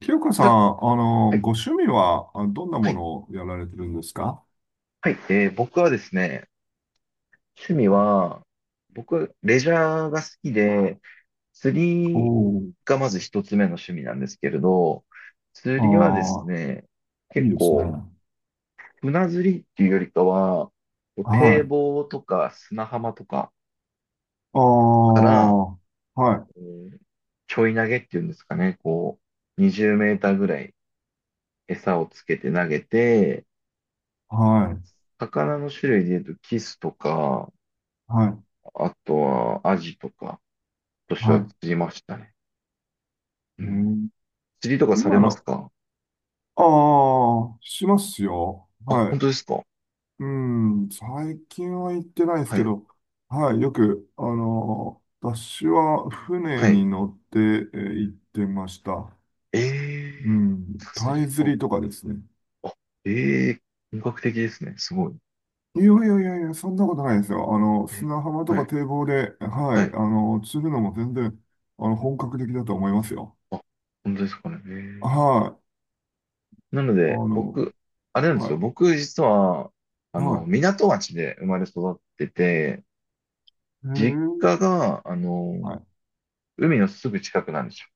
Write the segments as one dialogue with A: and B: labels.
A: 清香さん、
B: たはい、
A: ご趣味はどんな
B: は
A: も
B: い、
A: のをやられてるんですか？
B: はい。僕はですね、趣味
A: あ、
B: は、僕、レジャーが好きで、
A: お
B: 釣り
A: ー、
B: がまず一つ目の趣味なんですけれど、
A: あ
B: 釣りはですね、
A: ー、い
B: 結
A: いですね。
B: 構、船釣りっていうよりかは、こう
A: は
B: 堤
A: い。
B: 防とか砂浜とか
A: ああ、
B: から、
A: は
B: え
A: い、
B: ーちょい投げっていうんですかね、こう、20メーターぐらい餌をつけて投げて、
A: はい、
B: 魚の種類で言うとキスとか、
A: はい、
B: あとはアジとか、としては釣
A: は
B: りましたね。う
A: い。え
B: ん。
A: ー
B: 釣りとかされ
A: 今
B: ます
A: の、
B: か？
A: ああ、しますよ。
B: あ、
A: は
B: 本
A: い。
B: 当ですか？
A: うん、最近は行ってないです
B: は
A: け
B: い。
A: ど、はい、よく、あの、私は船
B: は
A: に
B: い。
A: 乗って行ってました。
B: ええー
A: うん、
B: 釣
A: タ
B: り
A: イ釣
B: か。
A: りとかですね。
B: あ、ええー本格的ですね。すごい。
A: いやいやいやいや、そんなことないですよ。あの、
B: ね、
A: 砂浜と
B: は
A: か
B: い。
A: 堤防で、は
B: はい。
A: い、あの、釣るのも全然、あの、本格的だと思いますよ。
B: あ、本当ですかね。ええ。
A: はい。
B: なの
A: あ
B: で、
A: の、
B: 僕、あれなんで
A: は
B: す
A: い、
B: よ。僕、実は、
A: は
B: 港町で生まれ育ってて、
A: い。へ
B: 実家
A: え、
B: が、
A: はい。
B: 海のすぐ近くなんですよ。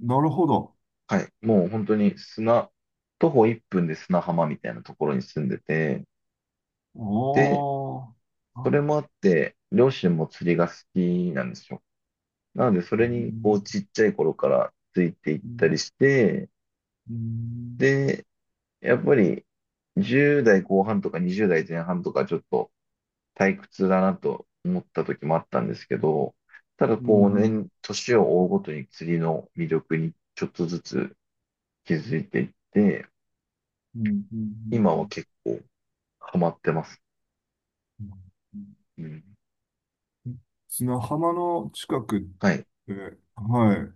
A: なるほど。
B: はい。もう本当に徒歩1分で砂浜みたいなところに住んでて、で、
A: おー。
B: そ
A: あ、
B: れもあって、両親も釣りが好きなんですよ。なので、そ
A: う
B: れに、こう、
A: ん、
B: ちっちゃい頃からついていっ
A: う
B: た
A: ん、
B: りして、
A: うん、
B: で、やっぱり、10代後半とか20代前半とか、ちょっと退屈だなと思った時もあったんですけど、ただ、
A: う
B: こう、
A: ん、
B: 年を追うごとに釣りの魅力にちょっとずつ気づいていって、
A: うん、うん、
B: 今
A: う
B: は
A: ん、
B: 結構ハマってます。
A: う
B: うん。
A: ん。砂浜の近くっ
B: はい。
A: て、はい、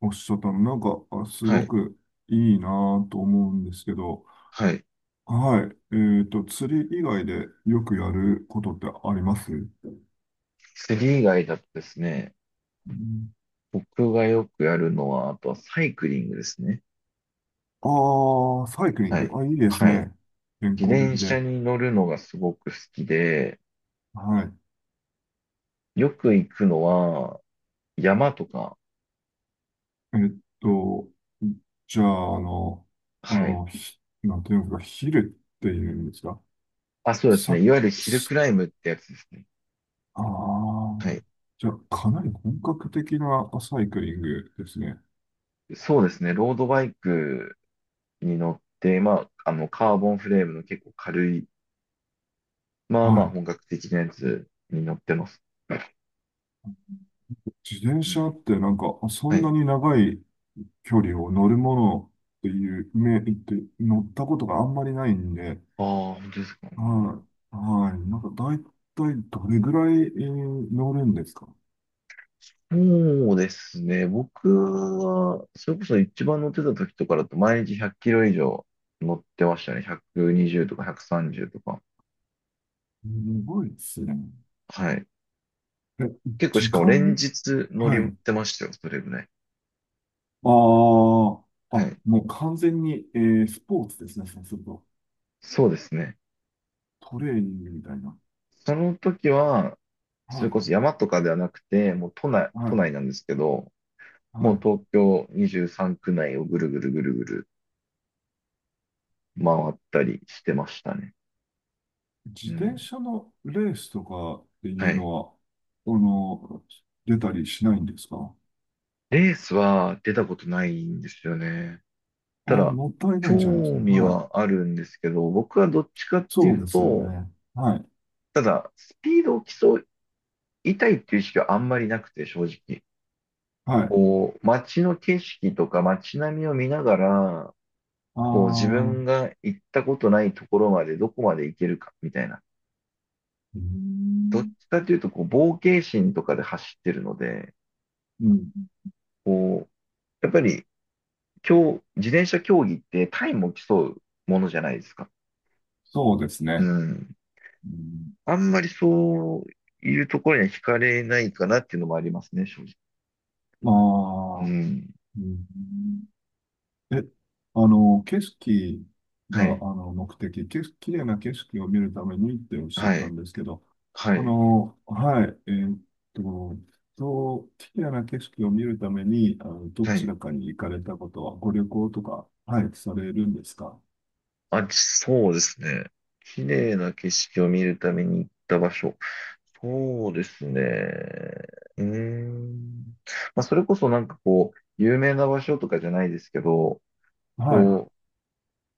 A: おっしゃったの、なんか、す
B: は
A: ご
B: い。
A: くいいなぁと思うんですけど、
B: はい。
A: はい。えっと、釣り以外でよくやることってありますう？
B: 釣り以外だとですね、
A: ん。
B: 僕がよくやるのは、あとはサイクリングですね。
A: ああー、サイクリン
B: は
A: グ。
B: い。
A: あ、いいです
B: はい。
A: ね。健
B: 自
A: 康
B: 転
A: 的で。
B: 車に乗るのがすごく好きで、
A: はい。
B: よく行くのは、山とか、
A: えっと、じゃあ、あの、あ
B: はい。
A: の、なんていうんですか、ヒルっていうんですか？
B: あ、そうです
A: さ、
B: ね。いわゆるヒルク
A: す
B: ライムってやつですね。
A: ああ、
B: はい。
A: じゃあ、かなり本格的なサイクリングですね。
B: そうですね。ロードバイクに乗って、まあ、カーボンフレームの結構軽い、まあ
A: は
B: まあ
A: い。
B: 本格的なやつに乗ってます。
A: 自転
B: う
A: 車
B: ん。
A: ってなんか、そ
B: は
A: んな
B: い。
A: に長い距離を乗るものっていう、め、って乗ったことがあんまりないんで、
B: ああ、本当ですか？
A: はい、はい、なんか大体どれぐらい、乗るんですか？
B: そうですね。僕は、それこそ一番乗ってた時とかだと、毎日100キロ以上乗ってましたね。120とか130とか。
A: すごいですね。
B: はい。
A: え、
B: 結構し
A: 時
B: かも連
A: 間。
B: 日乗
A: は
B: り
A: い。あ
B: ってましたよ、それぐらい。
A: あ、
B: は
A: あ、
B: い。
A: もう完全に、スポーツですね、そうすると。
B: そうですね。
A: トレーニングみたいな。
B: その時は、そ
A: は
B: れ
A: い、
B: こそ山とかではなくて、もう都内、
A: は
B: 都
A: い、
B: 内なんですけど、
A: は
B: もう
A: い。
B: 東京23区内をぐるぐるぐるぐる回ったりしてましたね。
A: 自
B: う
A: 転
B: ん。
A: 車のレースとかって
B: は
A: いう
B: い。
A: のは、あの、出たりしないんですか？
B: レースは出たことないんですよね。た
A: ああ、
B: だ、
A: もったいな
B: 興
A: いじゃないですか。
B: 味
A: は
B: は
A: い。
B: あるんですけど、僕はどっちかってい
A: そうで
B: う
A: すよね。
B: と、
A: はい。
B: ただ、スピードを競いたいっていう意識はあんまりなくて、正直。
A: はい。
B: こう、街の景色とか街並みを見ながら、
A: あ
B: こう、自
A: あ、う
B: 分が行ったことないところまでどこまで行けるか、みたいな。
A: ーん、
B: どっ
A: ん。
B: ちかっていうと、こう、冒険心とかで走ってるので、
A: うん、
B: こう、やっぱり、今日、自転車競技ってタイムを競うものじゃないですか。
A: そうです
B: う
A: ね。
B: ん。
A: うん、
B: あんまりそういうところには惹かれないかなっていうのもありますね、正直。
A: ま
B: う
A: あ、
B: ん。
A: うん、え、あの、景色
B: は
A: が、あ
B: い。
A: の、目的、景色、綺麗な景色を見るためにっておっしゃっ
B: は
A: た
B: い。
A: んですけど、
B: は
A: あ
B: い。
A: の、はい、と、そう、綺麗な景色を見るために、あの、ど
B: は
A: ち
B: い。
A: らかに行かれたことは、ご旅行とか、はい、されるんですか？
B: あ、そうですね。綺麗な景色を見るために行った場所。そうですね。うーん。まあ、それこそなんかこう、有名な場所とかじゃないですけど、
A: はい、
B: こ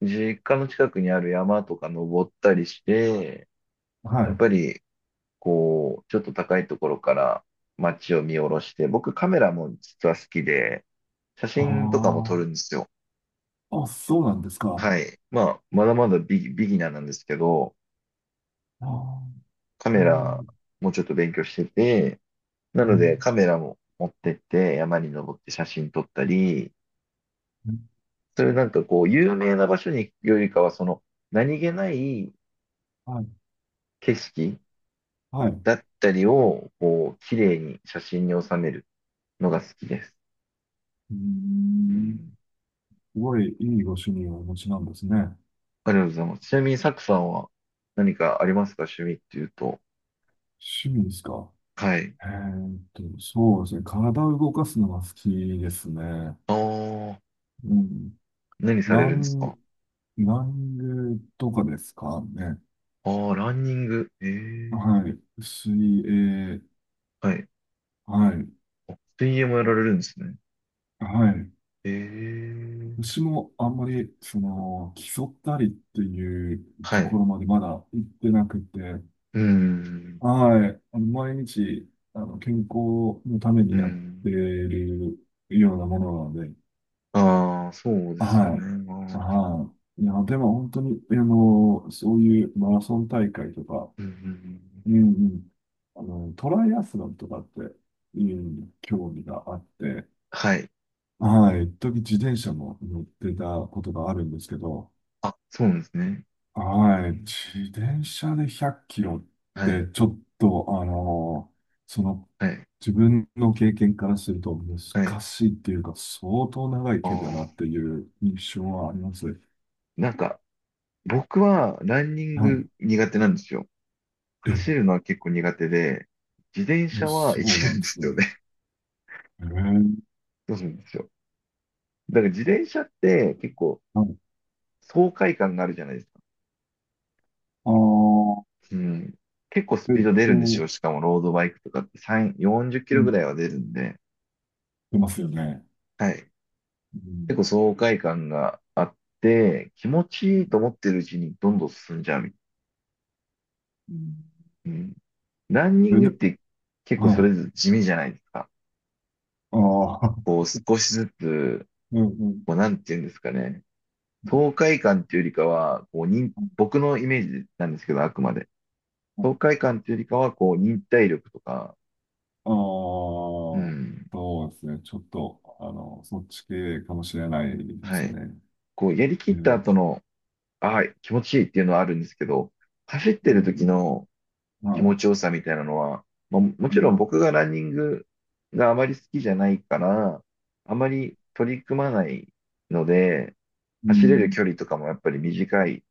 B: う、実家の近くにある山とか登ったりして、
A: は
B: やっ
A: い。
B: ぱりこう、ちょっと高いところから街を見下ろして、僕カメラも実は好きで、写
A: あ
B: 真とかも撮る
A: あ、
B: んですよ。
A: あ、そうなんですか。
B: はい。まあ、まだまだビギナーなんですけど、
A: ああ、
B: カ
A: えー、
B: メラ
A: う
B: もちょっと勉強してて、なので
A: ん。
B: カメラも持ってって山に登って写真撮ったり、
A: うん。
B: それなんかこう、有名な場所に行くよりかは、その何気ない
A: はい、
B: 景色
A: はい。う
B: だったりを、こう、綺麗に写真に収めるのが好きです。
A: ー
B: う
A: ん、
B: ん。
A: すごいいいご趣味をお持ちなんですね。
B: ありがとうございます。ちなみに、サクさんは何かありますか、趣味っていうと。
A: 趣味ですか。
B: はい。
A: そうですね。体を動かすのが好きですね。
B: ああ、
A: うん。
B: 何さ
A: ラ
B: れるんです
A: ン、
B: か？
A: ランゲとかですかね。
B: ああ、ランニング。ええ。
A: はい。水泳。
B: はい。
A: はい。
B: 水泳もやられるんですね。
A: はい。
B: ええ。
A: 私もあんまり、その、競ったりっていう
B: は
A: とこ
B: い。
A: ろまでまだ行ってなくて、
B: うん。
A: はい。あの、毎日、あの、健康のため
B: う
A: にやっ
B: ん。
A: ているようなものなので、
B: ああ、そうですよね。
A: は
B: あ
A: い。
B: ー。
A: はい。いや、でも本当に、あの、そういうマラソン大会とか、
B: うんうんうん、
A: うんうん、あの、トライアスロンとかっていう、興味があって、
B: はい。
A: はい。一時自転車も乗ってたことがあるんですけど、
B: あ、そうなんですね。え
A: はい。
B: ー
A: 自転車で100キロっ
B: はい。
A: て、ちょっと、その、
B: はい。
A: 自分の経験からすると
B: はい。
A: 難しいっていうか、相当長い
B: あ
A: 距離
B: あ、
A: だなっていう印象はあります。
B: なんか、僕はランニン
A: はい。
B: グ苦手なんですよ。走
A: え、
B: るのは結構苦手で、自転
A: え
B: 車はい
A: そう
B: け
A: な
B: る
A: ん
B: ん
A: で
B: です
A: す
B: よ
A: ね。
B: ね。
A: えー、
B: そうなんですよ。だから自転車って結構
A: はい。
B: 爽快感があるじゃないですか。
A: あー、
B: うん。結構ス
A: え
B: ピ
A: っ
B: ード出るんです
A: と、
B: よ。しかもロードバイクとかって3、40キ
A: う
B: ロぐ
A: ん、
B: らいは出るんで。
A: 出ますよね。
B: はい。
A: う
B: 結
A: ん、
B: 構爽快感があって、気持
A: う
B: ちいい
A: ん、
B: と思ってるうちにどんどん進んじゃうみたいな。うん。ランニ
A: う
B: ング
A: ん。
B: っ
A: え、で、
B: て結構
A: は
B: それ
A: い。
B: ぞれ地味じゃないですか。
A: ああ、
B: こう 少しずつ、
A: うん、うん。
B: こうなんていうんですかね。
A: うん。
B: 爽快感っていうよりかは、こう、僕のイメージなんですけど、あくまで。爽快感っていうよりかは、こう、忍耐力とか、
A: ああ、
B: うん、
A: そうですね。ちょっと、あの、そっち系かもしれないで
B: は
A: す
B: い。
A: ね。
B: こう、やりき
A: う
B: った
A: ん。
B: 後の、ああ、気持ちいいっていうのはあるんですけど、走っ
A: う
B: てる時
A: ん。
B: の
A: うん。
B: 気
A: はい。
B: 持ちよさみたいなのは、まあ、も
A: う
B: ちろん
A: ん
B: 僕がランニングがあまり好きじゃないから、あまり取り組まないので、
A: う
B: 走れる
A: ん
B: 距離とかもやっぱり短い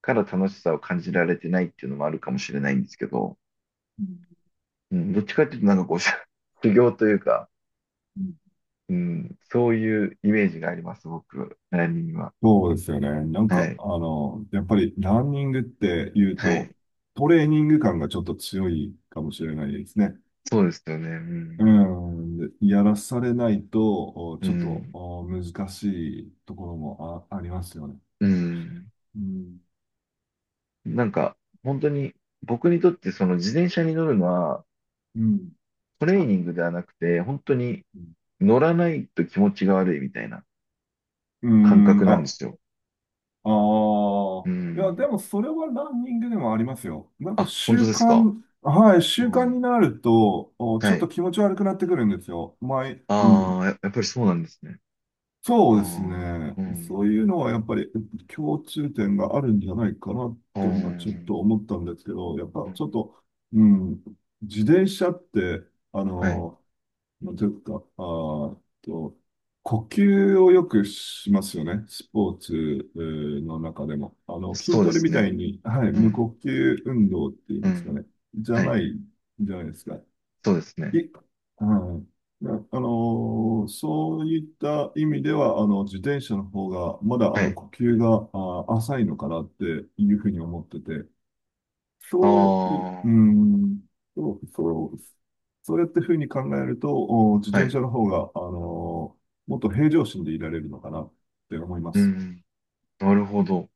B: から楽しさを感じられてないっていうのもあるかもしれないんですけど、
A: うん
B: うん、どっちかっていうとなんかこう、修行というか、
A: うん。
B: うん、そういうイメージがあります、僕、ランニングは。
A: そうですよね。なん
B: は
A: か、
B: い。
A: あの、やっぱりランニングって言う
B: はい。
A: と、トレーニング感がちょっと強いかもしれないですね。
B: そうですよね。う
A: う
B: ん。
A: ん。で、やらされないと、
B: う
A: ちょっと
B: ん。
A: 難しいところもありますよね。
B: うん。
A: うん。
B: なんか、本当に、僕にとってその自転車に乗るのは、
A: うん
B: トレーニングではなくて、本当に
A: う
B: 乗らないと気持ちが悪いみたいな感
A: ん、
B: 覚なんで
A: あ、
B: すよ。
A: ああ。
B: う
A: いや、で
B: ん。
A: もそれはランニングでもありますよ。なんか
B: あ、本
A: 習
B: 当ですか？
A: 慣、はい、習
B: う
A: 慣
B: ん。
A: になると、ちょ
B: は
A: っと
B: い。
A: 気持ち悪くなってくるんですよ。前、う
B: あ
A: ん。
B: あ、やっぱりそうなんですね。
A: そ
B: あ
A: うです
B: あ、
A: ね。
B: う
A: そ
B: ん。
A: ういうのはやっぱり共通点があるんじゃないかな
B: ああ、う
A: と、ちょっと
B: ん、
A: 思ったんですけど、やっぱちょっと、うん、自転車って、あ
B: はい。
A: の、まあというか、あーと、呼吸をよくしますよね。スポーツの中でも。あの、筋
B: そうで
A: トレ
B: す
A: みたい
B: ね。
A: に、はい、
B: う
A: 無
B: ん。
A: 呼吸運動っていう
B: う
A: んですか
B: ん。
A: ね。じゃ
B: はい。
A: ない、じゃないですか。
B: そうです
A: い、
B: ね。
A: はい。そういった意味では、あの、自転車の方が、まだ、あ
B: は
A: の、
B: い。
A: 呼吸が、あー、浅いのかなっていうふうに思ってて、
B: あ
A: そう、い
B: あ、
A: うん、そう、そう、そうやってふうに考えると、自
B: は
A: 転
B: い。
A: 車の方が、もっと平常心でいられるのかなって思いま
B: う
A: す。
B: ん。なるほど。